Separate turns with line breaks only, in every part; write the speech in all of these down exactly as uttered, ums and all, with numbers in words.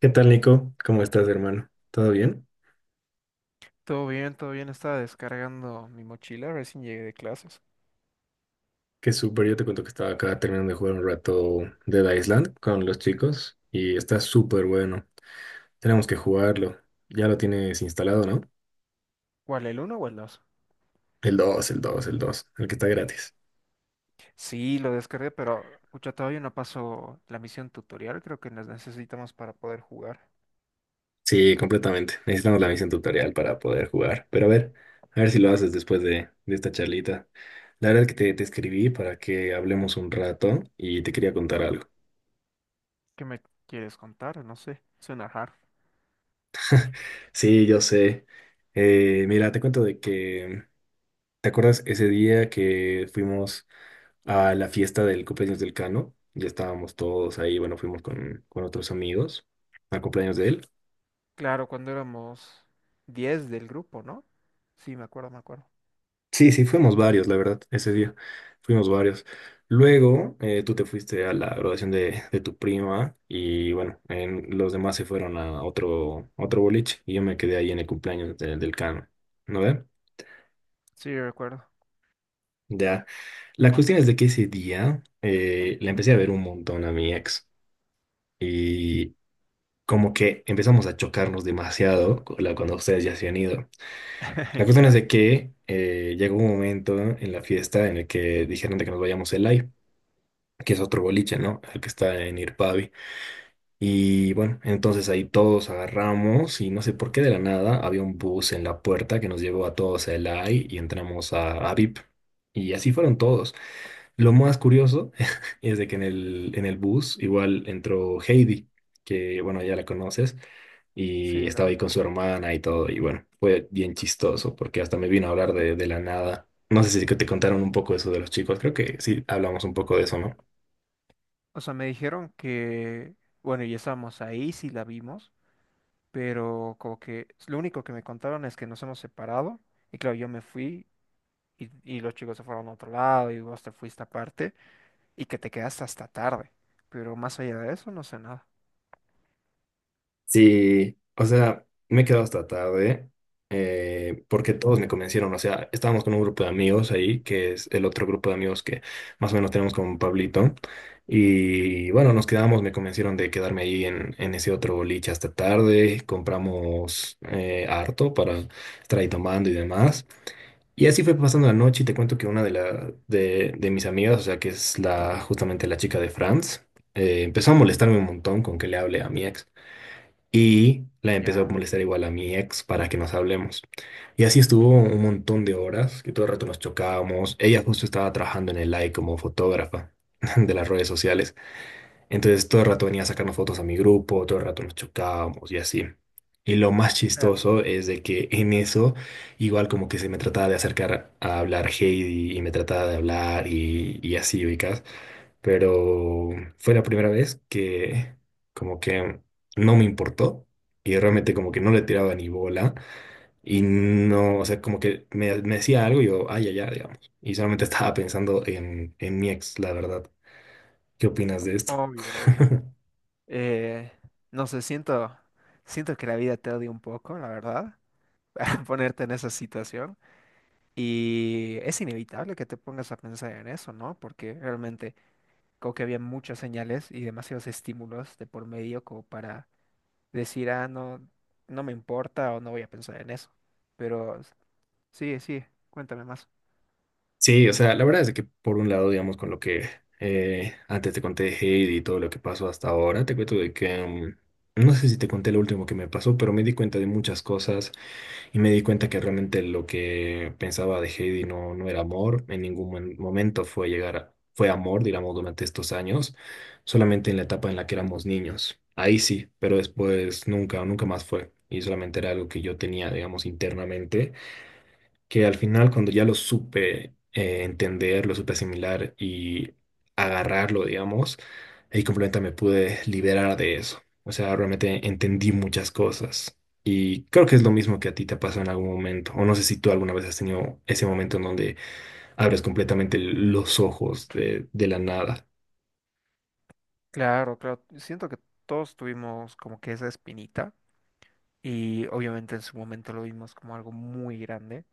¿Qué tal, Nico? ¿Cómo estás, hermano? ¿Todo bien?
Todo bien, todo bien. Estaba descargando mi mochila, recién llegué de clases.
Qué súper, yo te cuento que estaba acá terminando de jugar un rato Dead Island con los chicos y está súper bueno. Tenemos que jugarlo. Ya lo tienes instalado, ¿no?
¿Cuál, el uno o el dos?
El dos, el dos, el dos. El que está gratis.
Sí, lo descargué, pero pucha, todavía no paso la misión tutorial. Creo que las necesitamos para poder jugar.
Sí, completamente. Necesitamos la misión tutorial para poder jugar. Pero a ver, a ver si lo haces después de, de esta charlita. La verdad es que te, te escribí para que hablemos un rato y te quería contar algo.
¿Qué me quieres contar? No sé. Suena hard.
Sí, yo sé. Eh, mira, te cuento de que ¿te acuerdas ese día que fuimos a la fiesta del cumpleaños del Cano? Ya estábamos todos ahí, bueno, fuimos con, con otros amigos al cumpleaños de él.
Claro, cuando éramos diez del grupo, ¿no? Sí, me acuerdo, me acuerdo.
Sí, sí, fuimos varios, la verdad, ese día. Fuimos varios. Luego, eh, tú te fuiste a la graduación de, de tu prima y bueno, en- los demás se fueron a otro, a otro boliche y yo me quedé ahí en el cumpleaños de- del Cano, ¿no ve?
Sí, recuerdo.
Ya. La cuestión es de que ese día eh, le empecé a ver un montón a mi ex. Y como que empezamos a chocarnos demasiado cu- la- cuando ustedes ya se han ido. La cuestión es
¿Ya?
de que eh, llegó un momento en la fiesta en el que dijeron de que nos vayamos el live, que es otro boliche, ¿no? El que está en Irpavi. Y bueno, entonces ahí todos agarramos y no sé por qué de la nada había un bus en la puerta que nos llevó a todos a Elai y entramos a, a V I P. Y así fueron todos. Lo más curioso es de que en el, en el bus igual entró Heidi, que bueno, ya la conoces, y
Sí, la
estaba ahí con
recuerdo.
su hermana y todo. Y bueno, fue bien chistoso porque hasta me vino a hablar de, de la nada. No sé si que te contaron un poco eso de los chicos, creo que sí hablamos un poco de eso, ¿no?
O sea, me dijeron que, bueno, ya estábamos ahí, sí la vimos, pero como que lo único que me contaron es que nos hemos separado y claro, yo me fui y, y los chicos se fueron a otro lado y vos te fuiste aparte y que te quedaste hasta tarde, pero más allá de eso no sé nada.
Sí, o sea, me he quedado hasta tarde eh, porque todos me convencieron. O sea, estábamos con un grupo de amigos ahí, que es el otro grupo de amigos que más o menos tenemos con Pablito. Y bueno, nos quedamos, me convencieron de quedarme ahí en, en ese otro boliche hasta tarde. Compramos eh, harto para estar ahí tomando y demás. Y así fue pasando la noche y te cuento que una de, la, de, de mis amigas, o sea, que es la, justamente la chica de Franz, eh, empezó a molestarme un montón con que le hable a mi ex. Y la empecé a
Ya.
molestar igual a mi ex para que nos hablemos. Y así estuvo un montón de horas, que todo el rato nos chocábamos. Ella justo estaba trabajando en el like como fotógrafa de las redes sociales. Entonces todo el rato venía a sacarnos fotos a mi grupo, todo el rato nos chocábamos y así. Y lo más
Claro,
chistoso es de que en eso, igual como que se me trataba de acercar a hablar Heidi y me trataba de hablar y, y así, ubicas. Pero fue la primera vez que como que no me importó y realmente como que no le tiraba ni bola y no, o sea, como que me, me decía algo y yo, ay, ay, ay, digamos. Y solamente estaba pensando en, en mi ex, la verdad. ¿Qué opinas de esto?
obvio, obvio. Eh, no sé, siento, siento que la vida te odia un poco, la verdad, para ponerte en esa situación. Y es inevitable que te pongas a pensar en eso, ¿no? Porque realmente como que había muchas señales y demasiados estímulos de por medio como para decir, ah, no, no me importa o no voy a pensar en eso. Pero s- sí sigue, cuéntame más.
Sí, o sea, la verdad es que por un lado, digamos, con lo que eh, antes te conté de Heidi y todo lo que pasó hasta ahora, te cuento de que, mm, no sé si te conté lo último que me pasó, pero me di cuenta de muchas cosas y me di cuenta que realmente lo que pensaba de Heidi no, no era amor, en ningún mo- momento fue llegar a- fue amor, digamos, durante estos años, solamente en la etapa en la que éramos niños. Ahí sí, pero después nunca, nunca más fue. Y solamente era algo que yo tenía, digamos, internamente que al final cuando ya lo supe eh, entender, lo supe asimilar y agarrarlo, digamos, ahí completamente me pude liberar de eso. O sea, realmente entendí muchas cosas y creo que es lo mismo que a ti te pasó en algún momento. O no sé si tú alguna vez has tenido ese momento en donde abres completamente los ojos de, de la nada.
Claro, claro, siento que todos tuvimos como que esa espinita y obviamente en su momento lo vimos como algo muy grande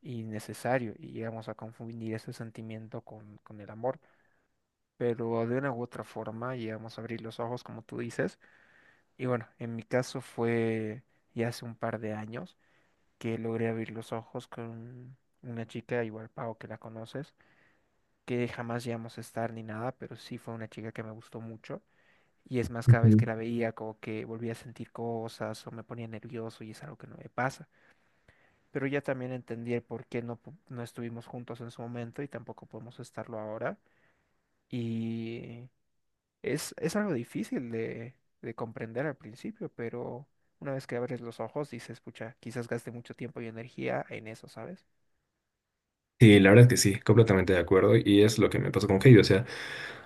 y necesario y llegamos a confundir ese sentimiento con, con, el amor, pero de una u otra forma llegamos a abrir los ojos como tú dices y bueno, en mi caso fue ya hace un par de años que logré abrir los ojos con una chica igual Pau, que la conoces, que jamás llegamos a estar ni nada, pero sí fue una chica que me gustó mucho. Y es más, cada vez que
Ujú.
la veía, como que volvía a sentir cosas o me ponía nervioso y es algo que no me pasa. Pero ya también entendí el por qué no, pu- no estuvimos juntos en su momento y tampoco podemos estarlo ahora. Y es, es algo difícil de, de comprender al principio, pero una vez que abres los ojos dices, pucha, quizás gaste mucho tiempo y energía en eso, ¿sabes?
Sí, la verdad es que sí, completamente de acuerdo y es lo que me pasó con Heidi. O sea,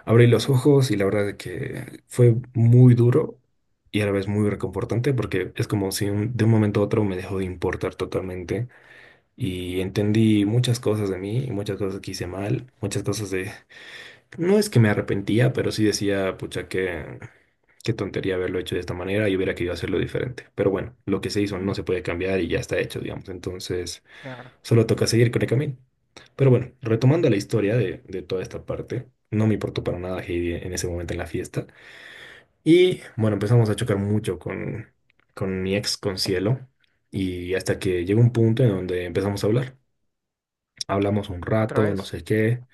abrí los ojos y la verdad es que fue muy duro y a la vez muy reconfortante porque es como si un- de un momento a otro me dejó de importar totalmente y entendí muchas cosas de mí, y muchas cosas que hice mal, muchas cosas de... No es que me arrepentía, pero sí decía, pucha, qué, qué tontería haberlo hecho de esta manera y hubiera querido hacerlo diferente. Pero bueno, lo que se hizo no se puede cambiar y ya está hecho, digamos. Entonces...
Claro.
Solo toca seguir con el camino. Pero bueno, retomando la historia de, de toda esta parte, no me importó para nada Heidi en ese momento en la fiesta. Y bueno, empezamos a chocar mucho con, con mi ex, con Cielo. Y hasta que llegó un punto en donde empezamos a hablar. Hablamos un
Otra
rato, no
vez.
sé qué.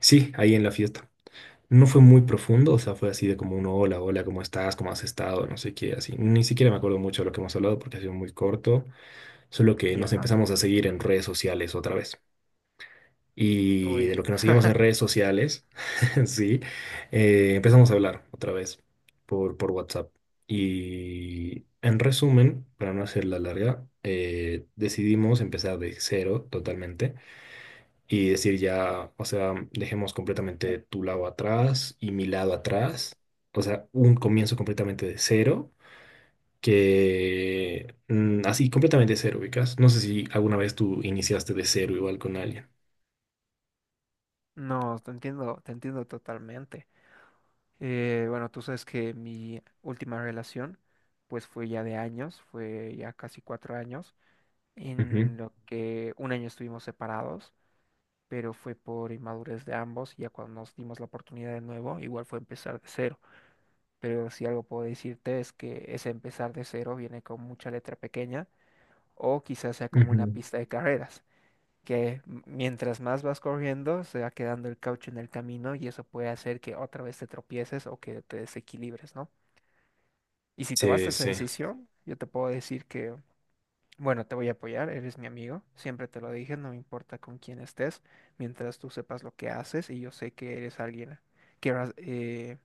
Sí, ahí en la fiesta. No fue muy profundo, o sea, fue así de como un hola, hola, ¿cómo estás? ¿Cómo has estado? No sé qué, así. Ni siquiera me acuerdo mucho de lo que hemos hablado porque ha sido muy corto. Solo que nos
Ya.
empezamos a seguir en redes sociales otra vez. Y
Uy.
de lo que nos seguimos en redes sociales, sí, eh, empezamos a hablar otra vez por, por WhatsApp. Y en resumen, para no hacerla larga, eh, decidimos empezar de cero totalmente y decir ya, o sea, dejemos completamente tu lado atrás y mi lado atrás, o sea, un comienzo completamente de cero. Que mm, así completamente de cero, ubicas. No sé si alguna vez tú iniciaste de cero igual con alguien.
No, te entiendo, te entiendo totalmente. Eh, bueno, tú sabes que mi última relación, pues fue ya de años, fue ya casi cuatro años,
Ujú,
en lo que un año estuvimos separados, pero fue por inmadurez de ambos, y ya cuando nos dimos la oportunidad de nuevo, igual fue empezar de cero. Pero si algo puedo decirte es que ese empezar de cero viene con mucha letra pequeña, o quizás sea como una
ujú.
pista de carreras, que m- mientras más vas corriendo, se va quedando el caucho en el camino y eso puede hacer que otra vez te tropieces o que te desequilibres, ¿no? Y si
Sí,
tomaste esa
sí.
decisión, yo te puedo decir que, bueno, te voy a apoyar, eres mi amigo, siempre te lo dije, no me importa con quién estés, mientras tú sepas lo que haces y yo sé que eres alguien que ras- eh,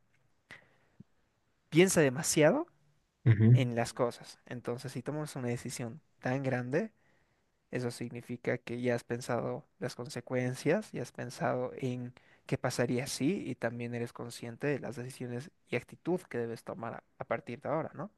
piensa demasiado
Ujú.
en las cosas. Entonces, si tomas una decisión tan grande, eso significa que ya has pensado las consecuencias, ya has pensado en qué pasaría si y también eres consciente de las decisiones y actitud que debes tomar a a partir de ahora, ¿no?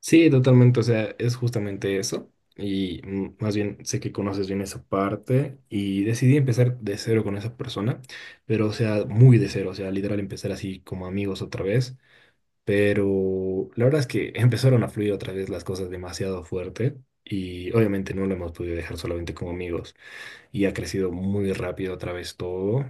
Sí, totalmente. O sea, es justamente eso. Y mm, más bien sé que conoces bien esa parte y decidí empezar de cero con esa persona, pero o sea, muy de cero, o sea, literal empezar así como amigos otra vez. Pero la verdad es que empezaron a fluir otra vez las cosas demasiado fuerte y obviamente no lo hemos podido dejar solamente como amigos y ha crecido muy rápido otra vez todo.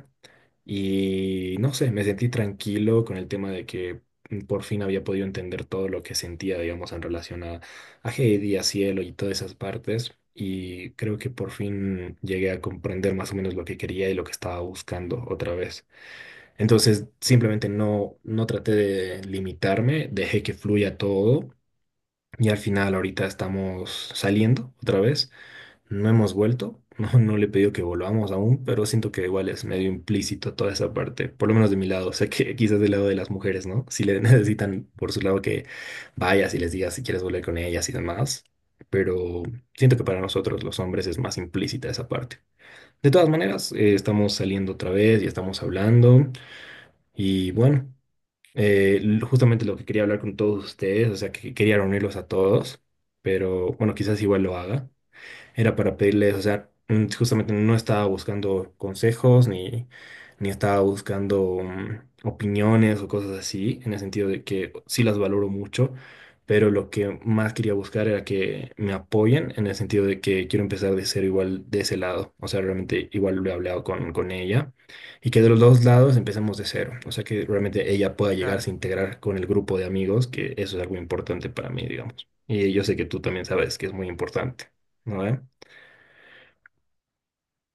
Y no sé, me sentí tranquilo con el tema de que por fin había podido entender todo lo que sentía, digamos, en relación a, a Heidi, a Cielo y todas esas partes. Y creo que por fin llegué a comprender más o menos lo que quería y lo que estaba buscando otra vez. Entonces, simplemente no, no traté de limitarme, dejé que fluya todo. Y al final ahorita estamos saliendo otra vez. No hemos vuelto, no, no le he pedido que volvamos aún, pero siento que igual es medio implícito toda esa parte, por lo menos de mi lado, sé que quizás del lado de las mujeres, ¿no? Si le necesitan por su lado que vayas y les digas si quieres volver con ellas y demás, pero siento que para nosotros los hombres es más implícita esa parte. De todas maneras, eh, estamos saliendo otra vez y estamos hablando y bueno, eh, l- justamente lo que quería hablar con todos ustedes, o sea, que quería reunirlos a todos, pero bueno, quizás igual lo haga, era para pedirles, o sea, mm, justamente no estaba buscando consejos ni, ni estaba buscando mm, opiniones o cosas así, en el sentido de que sí las valoro mucho, pero lo que más quería buscar era que me apoyen, en el sentido de que quiero empezar de cero igual de ese lado, o sea, realmente igual lo he hablado con, con ella, y que de los dos lados empecemos de cero, o sea, que realmente ella pueda
Claro.
llegarse a integrar con el grupo de amigos, que eso es algo importante para mí, digamos. Y yo sé que tú también sabes que es muy importante, ¿no?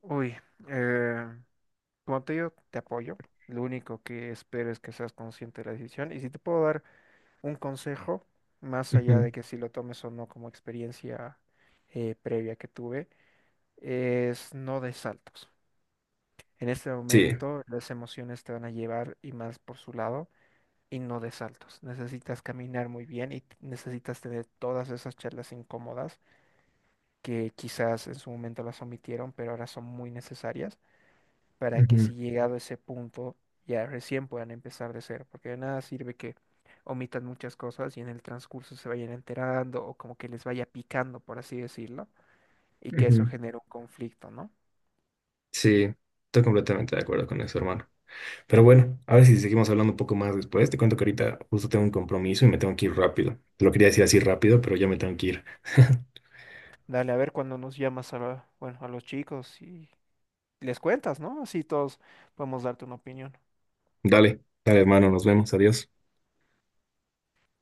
Uy, eh, como te digo, te apoyo. Lo único que espero es que seas consciente de la decisión. Y si te puedo dar un consejo, más allá
Ujú,
de que si lo tomes o no, como experiencia eh, previa que tuve, es no des saltos. En este
sí,
momento las emociones te van a llevar y más por su lado, y no des saltos. Necesitas caminar muy bien y t- necesitas tener todas esas charlas incómodas que quizás en su momento las omitieron, pero ahora son muy necesarias para que
ujú,
si llegado a ese punto ya recién puedan empezar de cero, porque de nada sirve que omitan muchas cosas y en el transcurso se vayan enterando o como que les vaya picando, por así decirlo, y que eso
ujú,
genere un conflicto, ¿no?
sí, estoy completamente de acuerdo con eso, hermano. Pero bueno, a ver si seguimos hablando un poco más después. Te cuento que ahorita justo tengo un compromiso y me tengo que ir rápido. Te lo quería decir así rápido, pero ya me tengo que ir.
Dale, a ver cuando nos llamas a, la- bueno, a los chicos y les cuentas, ¿no? Así todos podemos darte una opinión.
Dale, dale, hermano, nos vemos, adiós.